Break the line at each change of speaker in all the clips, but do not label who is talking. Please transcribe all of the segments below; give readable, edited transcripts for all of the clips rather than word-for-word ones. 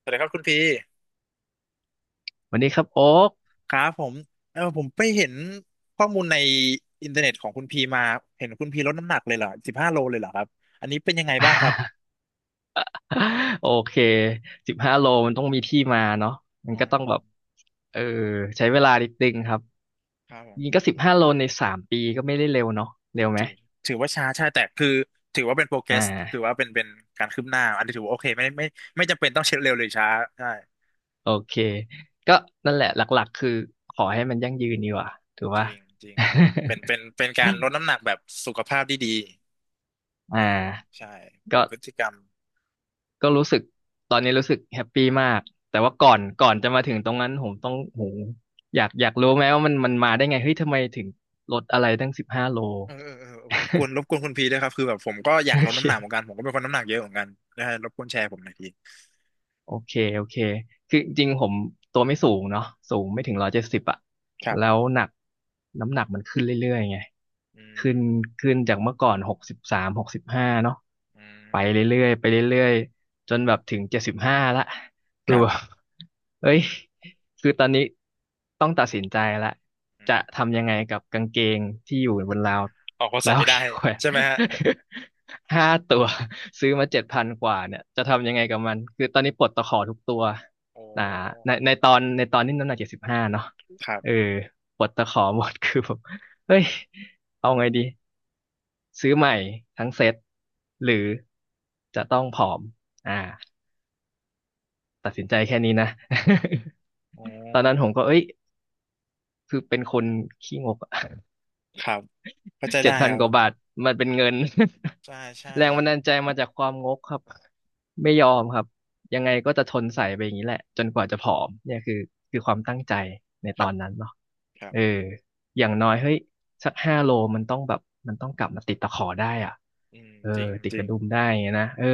สวัสดีครับคุณพี
วันนี้ครับโอ๊ก
ครับผมผมไปเห็นข้อมูลในอินเทอร์เน็ตของคุณพีมาเห็นคุณพีลดน้ำหนักเลยเหรอ15 โลเลยเหรอครับอันนี้เป็นยังไงบ้างครับ
โอเค15 โลมันต้องมีที่มาเนาะมัน
อ๋อ
ก็ต้องแบบเออใช้เวลานิดนึงครับ
ครับผม
ยิงก็สิบห้าโลใน3 ปีก็ไม่ได้เร็วเนาะเร็วไหม
ถือถือว่าช้าใช่แต่คือถือว่าเป็นโปรเกร
อ่
สถือ
า
ว่าเป็นการคืบหน้าอันนี้ถือว่าโอเคไม่จำเป็นต้องเช็คเร็วหรือช้าใช่
โอเคก็นั่นแหละหลักๆคือขอให้มันยั่งยืนดีกว่าถือ
จ
ว่า
ริงจริงครับ เป็นการลดน้ำหนักแบบสุขภาพที่ดี เอ
อ่า
อใช่เป็
ก็
นพฤติกรรม
ก็รู้สึกตอนนี้รู้สึกแฮปปี้มากแต่ว่าก่อนจะมาถึงตรงนั้นผมต้องโหอยากรู้ไหมว่ามันมาได้ไงเฮ้ยทำไมถึงลดอะไรตั้งสิบห้าโล
เออเออเออเออรบกวน คุณพีด้วยครับคือแบบผมก็อยา
โอ
กลด
เค
น้ำหนักเหมือนกัน ผมก็เป็นคนน้ำหนักเยอะเหมือนกันนะฮะรบกวนแชร์ผมหน่อยพี
โอเคโอเคคือจริงๆผมตัวไม่สูงเนาะสูงไม่ถึง170อะ
ครับ
แล้วหนักน้ำหนักมันขึ้นเรื่อยๆไง
อื
ขึ้
ม
นขึ้นจากเมื่อก่อน6365เนาะ
อื
ไป
ม
เรื่อยๆไปเรื่อยๆจนแบบถึงเจ็ดสิบห้าละ
ค
คือ
รั
แบบ
บ
เอ้ยคือตอนนี้ต้องตัดสินใจละ
อืม
จะทำยังไงกับกางเกงที่อยู่บนราว
ออกก็
แล้
ใส่
ว
ไม่ได้
ขี้แขวน
ใช่ไหมฮะ
5 ตัวซื้
อื
อมาเจ็ด
ม
พันกว่าเนี่ยจะทำยังไงกับมันคือตอนนี้ปลดตะขอทุกตัว
โอ
อ่าใน
้
ในตอนนี้น้ำหนักเจ็ดสิบห้าเนาะ
ครั
เออ
บ
ปลดตะขอหมด คือผมเฮ้ยเอาไงดีซื้อใหม่ทั้งเซ็ตหรือจะต้องผอมอ่าตัดสินใจแค่นี้นะ
โอ้
ตอนนั้นผมก็เอ้ยคือเป็นคนขี้งกอะ
ครับเข้าใจ
เจ็
ได้
ดพั
ค
น
รับ
ก
ผ
ว่าบาท
ม
มันเป็นเงิน
ใช่ใช่
แรงบันดาลใจมาจากความงกครับไม่ยอมครับยังไงก็จะทนใส่ไปอย่างนี้แหละจนกว่าจะผอมเนี่ยคือคือความตั้งใจใน
ค
ต
รั
อ
บ
นนั้นเนาะ
ครับ
เอออย่างน้อยเฮ้ยสักห้าโลมันต้องแบบมันต้องกลับมาติดตะขอได้อ่ะ
อืม
เออ
จริง
ติด
จ
ก
ริ
ระ
ง
ดุมได้ไงนะเออ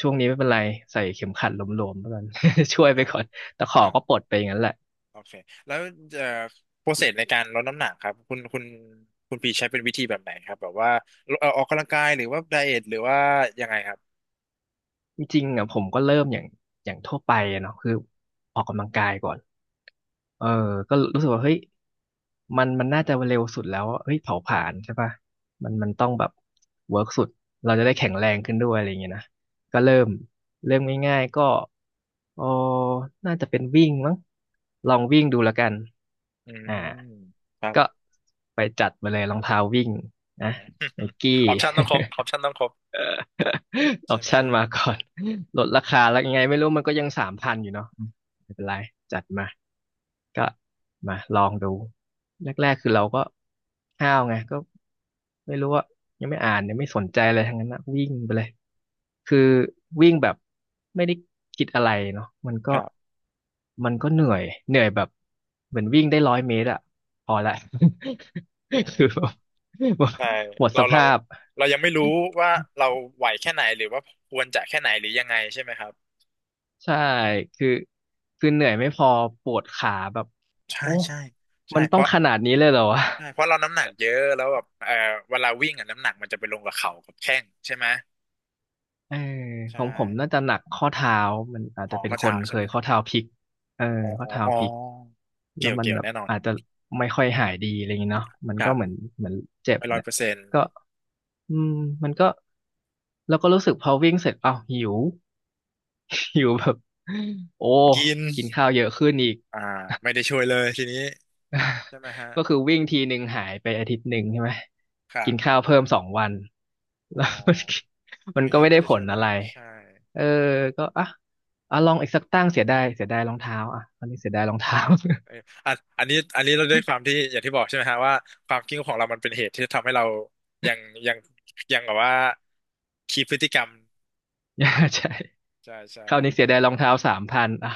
ช่วงนี้ไม่เป็นไรใส่เข็มขัดหลวมๆแล้วกัน ช่วย
ค
ไป
รับ
ก่อนตะขอ
ครับ
ก็ปลดไปอย่างนั้นแหละ
โอเค แล้วเอ่อโปรเซสในการลดน้ำหนักครับคุณพีใช้เป็นวิธีแบบไหนครับแบบว่าออกกำลังกายหรือว่าไดเอทหรือว่ายังไงครับ
จริงๆอ่ะผมก็เริ่มอย่างทั่วไปอะเนาะคือออกกำลังกายก่อนเออก็รู้สึกว่าเฮ้ยมันน่าจะเร็วสุดแล้วเฮ้ยเผาผลาญใช่ป่ะมันต้องแบบเวิร์กสุดเราจะได้แข็งแรงขึ้นด้วยอะไรอย่างเงี้ยนะก็เริ่มง่ายๆก็เออน่าจะเป็นวิ่งมั้งลองวิ่งดูแล้วกัน
อืม
อ่า
ครับ
ก็ไปจัดมาเลยรองเท้าวิ่งนะไนกี้
อ อปชัน ต้องครบออป ชันต้องครบ
อ
ใช่
อป
ไหม
ชั่นมาก่อนลดราคาแล้วยังไงไม่รู้มันก็ยังสามพันอยู่เนาะไม่เป็นไรจัดมาก็มาลองดูแรกๆคือเราก็ห้าวไงก็ไม่รู้ว่ายังไม่อ่านยังไม่สนใจอะไรทั้งนั้นนะวิ่งไปเลยคือวิ่งแบบไม่ได้คิดอะไรเนาะมัน
ค
ก็
รับ
เหนื่อยเหนื่อยแบบเหมือนวิ่งได้100 เมตรอะพอละ
อื ม
คือแบบ
แต่
หมด
เรา
ส
เรา
ภาพ
เรายังไม่รู้ว่าเราไหวแค่ไหนหรือว่าควรจะแค่ไหนหรือยังไงใช่ไหมครับ
ใช่ คือคือเหนื่อยไม่พอปวดขาแบบ
ใช่
โอ้
ใช่ใช่
มัน
เพ
ต้อง
ราะ
ขนาดนี้เลยเหรอวะ
เราน้ำหนักเยอะแล้วแบบเวลาวิ่งอ่ะน้ำหนักมันจะไปลงกับเข่ากับแข้งใช่ไหม
เออข
ใช่
องผมน่าจะหนักข้อเท้า มันอาจ
ข
จะ
อ
เป็น
ข้อ
ค
เท้า
นเค
ใช่
ย
ไหม
ข้อเท้าพลิกเออ
อ๋อ
ข้
อ๋
อ
อ
เท้า
อ๋อ
พลิก แล้
เกี่
ว
ยว
มัน
เกี่ยว
แบบ
แน่นอน
อาจจะไม่ค่อยหายดีอะไรอย่างเงี้ยเนาะมัน
ค
ก็
รั
เหมือน
บ
เหมือนเจ็บ
ไปร้อย
เนี่ย
เปอร์เซ็นต์
ก็อืมมันก็แล้วก็รู้สึกพอวิ่งเสร็จอ้าวหิว หิวแบบโอ้
กิน
กินข้าวเยอะขึ้นอีก
อ่าไม่ได้ช่วยเลยทีนี้ใช่ไหมฮะ
ก็คือวิ่งทีหนึ่งหายไปอาทิตย์หนึ่งใช่ไหม
ครั
กินข้า
บ
วเพิ่ม2 วัน
อ๋
แล้
อ
วมันมั
เพ
น
ลง
ก็
นี้
ไม่
ไม่
ได้
ได้
ผ
ช่
ล
วยเล
อะไร
ยใช่
เออก็อ่ะลองอีกสักตั้งเสียดายเสียดายรองเท้าอ่ะตอนนี้เสียดายรองเท้า
เอออันนี้ อันนี้เราด้วยความที่อย่างที่บอกใช่ไหมฮะว่าความคิดของเรามันเป็นเหตุที่ทำให้เรายังยังยังแบบว่าคีพพฤติกรรม
ใช่
ใช่ใช่
คราวนี้เสียดายรองเท้าสามพันอ่ะ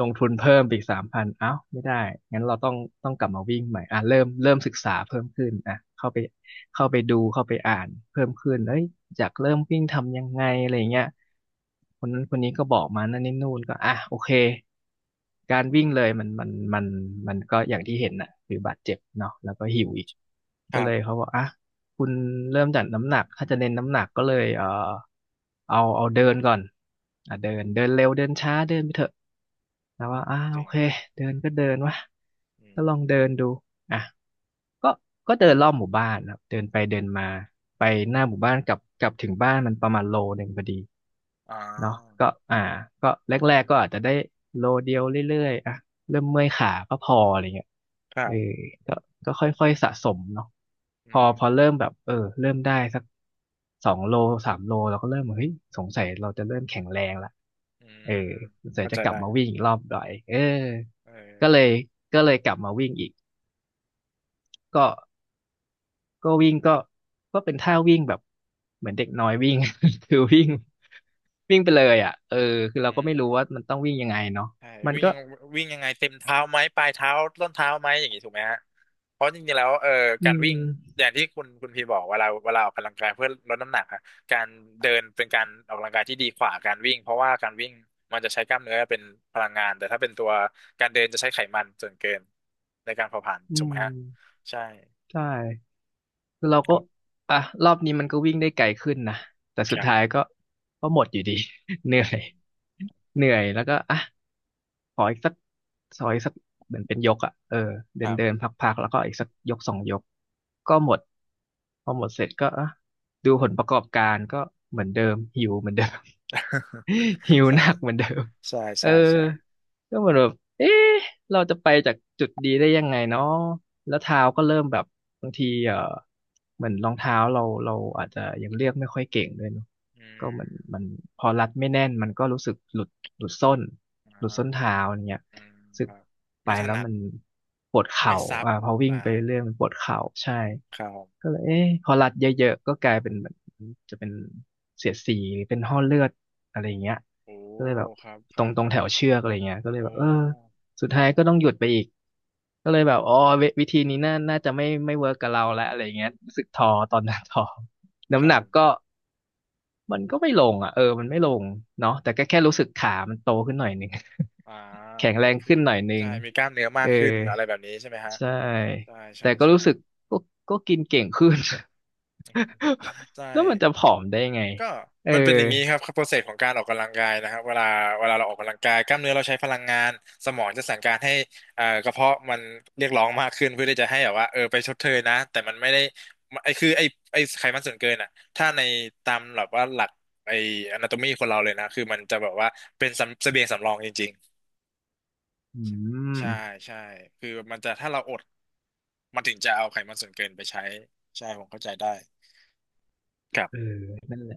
ลงทุนเพิ่มไปอีกสามพันอ้าวไม่ได้งั้นเราต้องกลับมาวิ่งใหม่อ่ะเริ่มศึกษาเพิ่มขึ้นอ่ะเข้าไปเข้าไปดูเข้าไปอ่านเพิ่มขึ้นเอ้ยอยากเริ่มวิ่งทำยังไงอะไรอย่างเงี้ยคนนั้นคนนี้ก็บอกมานั่นนี่นู่นก็อ่ะโอเคการวิ่งเลยมันก็อย่างที่เห็นน่ะคือบาดเจ็บเนาะแล้วก็หิวอีก
ค
ก็
รั
เลย
บ
เขาบอกอ่ะ คุณเริ่มจากน้ำหนักถ้าจะเน้นน้ำหนักก็เลยเอาเดินก่อนอ่ะเดินเดินเร็วเดินช้าเดินไปเถอะแล้ว
อื
ว่า
ม
อ้า
จ
โอ
ริง
เคเดินก็เดินวะ
อื
ก็ลองเดิ
ม
นดูอ่ะก็เดินรอบหมู่บ้านนะครับเดินไปเดินมาไปหน้าหมู่บ้านกลับถึงบ้านมันประมาณโลหนึ่งพอดี
อ่
เนาะก็
า
อ่าก็แรกๆก็อาจจะได้โลเดียวเรื่อยๆอ่ะ เริ่มเมื่อยขาก็พออะไรเงี้ย
ครั
เออ
บ
ก็ค่อยๆสะสมเนาะพ
อื
อ
ม
พอเริ่มแบบเออเริ่มได้สัก2 โล3 โลเราก็เริ่มเฮ้ย สงสัยเราจะเริ่มแข็งแรงละ
อื
เออ
ม
สงสัย
เข้า
จะ
ใจ
กลับ
ได้
มาวิ่งอีกรอบหน่อยเออ
เออ
ก็เลยก็เลยกลับมาวิ่งอีกก็ก็วิ่งก็เป็นท่าวิ่งแบบเหมือนเด็กน้อยวิ่ง คือวิ่งวิ่งไปเลยอ่ะเออคือ
อื
เราก็ไม่รู้ว่า
ม
มันต้องวิ่งยังไงเนาะ
ใช่
มัน
วิ่ง
ก็
ยังวิ่งยังไงเต็มเท้าไหมปลายเท้าต้นเท้าไหมอย่างนี้ถูกไหมฮะเพราะจริงๆแล้ว
อื
การวิ่ง
ม
อย่างที่คุณพีบอกเวลาออกกำลังกายเพื่อลดน้ำหนักอะการเดินเป็นการออกกำลังกายที่ดีกว่าการวิ่งเพราะว่าการวิ่งมันจะใช้กล้ามเนื้อเป็นพลังงานแต่ถ้าเป็นตัวการเดินจะใช้ไขมันส่วนเกินในการเผาผลาญ
อื
ถูกไหม
ม
ฮะใช่
ใช่ คือเราก็อ่ะรอบนี้มันก็วิ่งได้ไกลขึ้นนะแต่
ค
สุด
รั
ท้าย
บ
ก็ก็หมดอยู่ดี เห
อื
นื่อ
ม
ยเหนื่อยแล้วก็อ่ะ ขออีกสักขออีกสักเหมือนเป็นยกอ่ะเออ
ค
เดิน
รับ
เดินพักๆแล้วก็อีกสักยกสองยกก็หมดพอหมดเสร็จก็อ่ะดูผลประกอบการก็เหมือนเดิมหิวเหมือนเดิม หิว
ใช่
หนักเหมือนเดิม
ใช่
เอ
ใช่
อ
ใช่
ก็เหมือนแบบเอ๊ะเราจะไปจากจุดดีได้ยังไงเนาะแล้วเท้าก็เริ่มแบบบางทีเออเหมือนรองเท้าเราอาจจะยังเลือกไม่ค่อยเก่งด้วยเนอะ
อื
ก็เหมือน
ม
มันพอรัดไม่แน่นมันก็รู้สึกหลุดหลุดส้น
อ่
หลุดส้นเท้า
า
อย่างเงี้ย
อืม
รู้สึ
ค
ก
รับ
ไป
ไม่ถ
แล้ว
นัด
มันปวดเข่า
ไม่ซับ
อ่าพอวิ่ง
อ่า
ไปเรื่อยมันปวดเข่าใช่
ครับผ
ก็
ม
เลยเอ๊ะพอรัดเยอะๆก็กลายเป็นเหมือนจะเป็นเสียดสีหรือเป็นห้อเลือดอะไรอย่างเงี้ย
โอ้
ก็เลยแบบ
ครับ ค
ตร
รั
ง
บ
ตร
ค
ง
รั
แถ
บ
วเชือกอะไรเงี้ยก็เลย
โอ
แบบเออ
้
สุดท้ายก็ต้องหยุดไปอีกก็เลยแบบอ๋อวิธีนี้น่าจะไม่เวิร์กกับเราแล้วอะไรเงี้ยรู้สึกท้อตอนนั้น ท้อ
ค
น้ำ
รับ
หนั
ผ
ก
ม
ก็ มันก็ไม่ลงอ่ะเออมันไม่ลงเนาะแต่ก็แค่รู้สึกขา มันโตขึ้นหน่อยหนึง
อ่า
แข็งแร
ก็
ง
คือ
ขึ้นหน่อยหนึ
ใช่
ง
มีกล้ามเนื้อมา
เอ
ก
อ
ขึ้น อะไรแบบนี้ใช่ไหมฮะ
ใช่
ใช่ ใช่
แต่ก็
ใช่
รู้สึกก็ก็กินเก่งขึ้น
ใช่
แล้วมั นจะผอมได้ไง
ก็
เออ
มันเป็นอย่างนี้ครับโปรเซสของการออกกำลังกายนะครับเวลาเราออกกำลังกายกล้ามเนื้อเราใช้พลังงานสมองจะสั่งการให้กระเพาะมันเรียกร้องมากขึ้นเพื่อที่จะให้แบบว่าเออไปชดเชยนะแต่มันไม่ได้ไอคือไอไอไขมันส่วนเกินอ่ะถ้าในตามแบบว่าหลักไอ anatomy คนเราเลยนะคือมันจะแบบว่าเป็นสำเสบียงสำรองจริง
อื
ๆใช่
ม
ใช่คือมันจะถ้าเราอดมันถึงจะเอาไขมันส่วนเกินไปใช้ใช่ผมเข้าใจได้ครับ
เออนั่นแหละ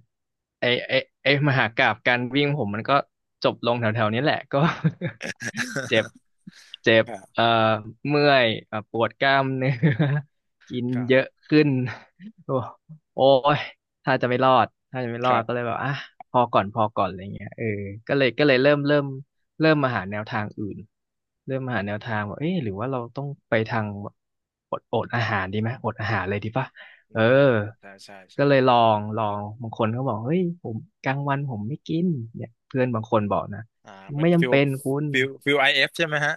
ไอไอไอมหากาพย์การวิ่งผมมันก็จบลงแถวๆนี้แหละก็ เจ็บเจ็บ
ครับ
เอ่อเมื่อยปวดกล้ามเนื้อ กิน
ครั
เยอะ
บ
ขึ้น โอ้โอ้ยถ้าจะไม่รอดถ้าจะไม่ร
ค
อ
รั
ด
บ
ก็เลยแบบอ่ะพอก่อนอะไรเงี้ยเออก็เลยเริ่มมาหาแนวทางอื่นเริ่มมาหาแนวทางว่าเอ๊ะหรือว่าเราต้องไปทางอดอาหารดีไหมอดอาหารเลยดีปะ
อื
เออ
มใช่ใช่
ก็
ใช่
เลยลองลองบางคนก็บอกเฮ้ยผมกลางวันผมไม่กินเนี่ยเพื่อนบางคนบอกนะ
อ่าเหมือน
ไม่
ฟิ
จำ
ล
เป็นคุณ
ฟิลฟิลIFใช่ไหมฮะ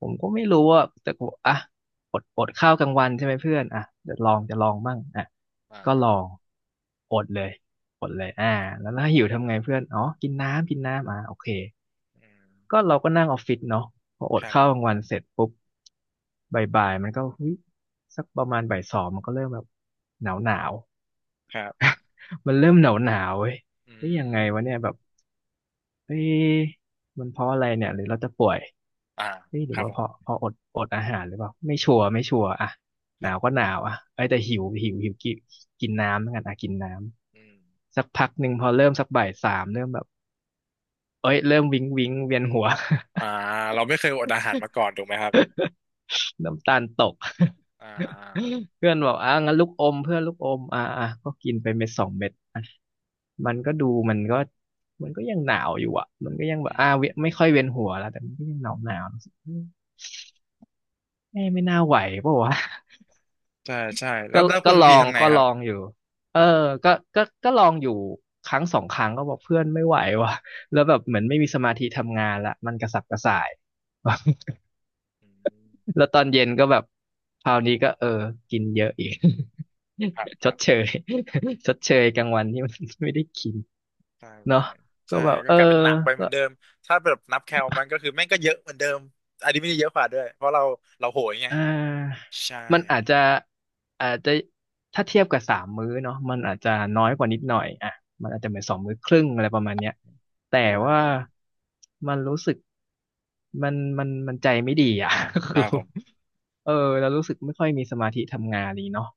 ผมก็ไม่รู้ว่าแต่ผมอ่ะอดข้าวกลางวันใช่ไหมเพื่อนอ่ะจะลองมั่งอ่ะ
อ่า
ก็ลอง อดเลยอดเลยอ่าแล้วถ้าหิวทำไงเพื่อนอ๋อกินน้ำกินน้ำอ่ะโอเค
อืม
ก็เราก็นั่งออฟฟิศเนาะพออ
ค
ด
รั
ข้าว
บ
กลางวันเสร็จปุ๊บบ่ายๆมันก็เฮ้ยสักประมาณบ่ายสองมันก็เริ่มแบบหนาวหนาว
ครับ
มันเริ่มหนาวหนาวเว้ย
อื
เฮ้ยยังไง
ม
วะเนี่ยแบบเฮ้ยมันเพราะอะไรเนี่ยหรือเราจะป่วย
อ่า
เฮ้ยหรื
ค
อ
รับ
ว่า
ผ
เพ
ม
ราะเพราะอดอาหารหรือเปล่าไม่ชัวร์อ่ะห
ค
นา
รั
ว
บ
ก็หนาวอ่ะไอ้ยแต่หิวหิวหิวกินกินน้ำเหมือนกันอ่ะกินน้
อืม
ำสักพักหนึ่งพอเริ่มสักบ่ายสามเริ่มแบบเอ้ยเริ่มงวิงเวียนหัว
อ่าเราไม่เคยอดอาหารมาก่อนถูกไหมครับ
น้ำตาลตก
อ่า
เพื่อนบอกอ่ะงั้นลูกอมเพื่อนลูกอมอ่ะอ่ะก็กินไปเม็ดสองเม็ด มันก็ดูมันก็มันก็ยังหนาวอยู่อ่ะมันก็ยังแบ
อื
บอ่า
ม
เวยไม่ค่อยเวียนหัวแล้วแต่มันก็ยังหนาวหนาวไม่
อื
ไม่น่า
ม
ไหวเปล่าวะ
ใช่ใช่แล้
ก็
วแล้ว
ก็
คุณ
ลอ
พี
ง
ทำไง
ก็
ค
ล
รับ
องอยู่เออก็ลองอยู่ครั้งสองครั้งก็บอกเพื่อนไม่ไหวว่ะ แล้วแบบเหมือนไม่มีสมาธิทำงานละมันกระสับกระส่าย
อืม
แล้วตอนเย็นก็แบบคราวนี้ก็เออกินเยอะอีก
ครับค
ช
รั
ด
บ
เชย ชดเชยกลางวันที่มัน ไม่ได้กิน
ใช่ใช่
เนาะก็
ใช่
แบบ
ก็
เออ
กลายเป็นหนักไปเหมื
ก็
อนเดิมถ้าแบบนับแคลมันก็คือแม่งก็เยอะเหมือนเดิมอันนี้ไม่ได้เยอะกว่าด้วยเพราะเราโหยไง
อ่า
ใช่
มันอาจจะถ้าเทียบกับสามมื้อเนาะมันอาจจะน้อยกว่านิดหน่อยอ่ะมันอาจจะเหมือนสองมื้อครึ่งอะไรประมาณเนี้ยแต่
ได้
ว่า
ได้
มันรู้สึกมันใจไม่ดีอ่ะ
ค
คื
รั
อ
บผม
เออเรารู้สึกไม่ค่อยมีสมาธิทำงานนี้เนาะ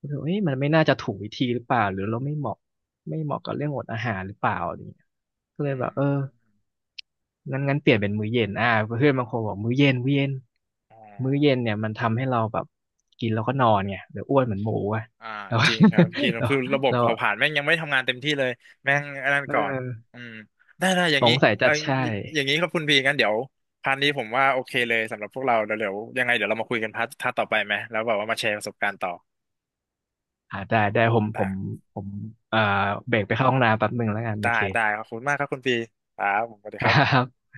รู้สึกว่าเอ๊ะมันไม่น่าจะถูกวิธีหรือเปล่าหรือเราไม่เหมาะกับเรื่องอดอาหารหรือเปล่าอะไรอย่างเงี้ยก็เลย
อื
แบบเออ
ม
งั้นเปลี่ยนเป็นมื้อเย็นอ่าเพื่อนบางคนบอกมื้อเย็น
อ๋อ
มื้อเย็นเนี่ยมันทำให้เราแบบกินแล้วก็นอนไงเดี๋ยวอ้วนเหมือนหมูอ่ะ
อ่า
เรา
จริงครับจริง แล้ว
เรา
คือระบบ
เรา
เผาผลาญแม่งยังไม่ทำงานเต็มที่เลยแม่งอันนั้น
เอ
ก่อน
อ
อืมได้ได้อย่า
ส
งนี้
งสัย
เอ
จะ
ย
ใช่
อยอย่างนี้ครับคุณพีงั้นเดี๋ยวพาร์ทนี้ผมว่าโอเคเลยสำหรับพวกเราเดี๋ยวยังไงเดี๋ยวเรามาคุยกันพาร์ทต่อไปไหมแล้วแบบว่ามาแชร์ประสบการณ์ต่อ
อ่าได้ได้ผมผ
ได้
มผมเอ่อเบรกไปเข้าห้องน้ำแป๊บหนึ่งแล้วกันโอ
ได้
เค
ได้ขอบคุณมากครับคุณพีครับผมสวัสดีครับ
ครับ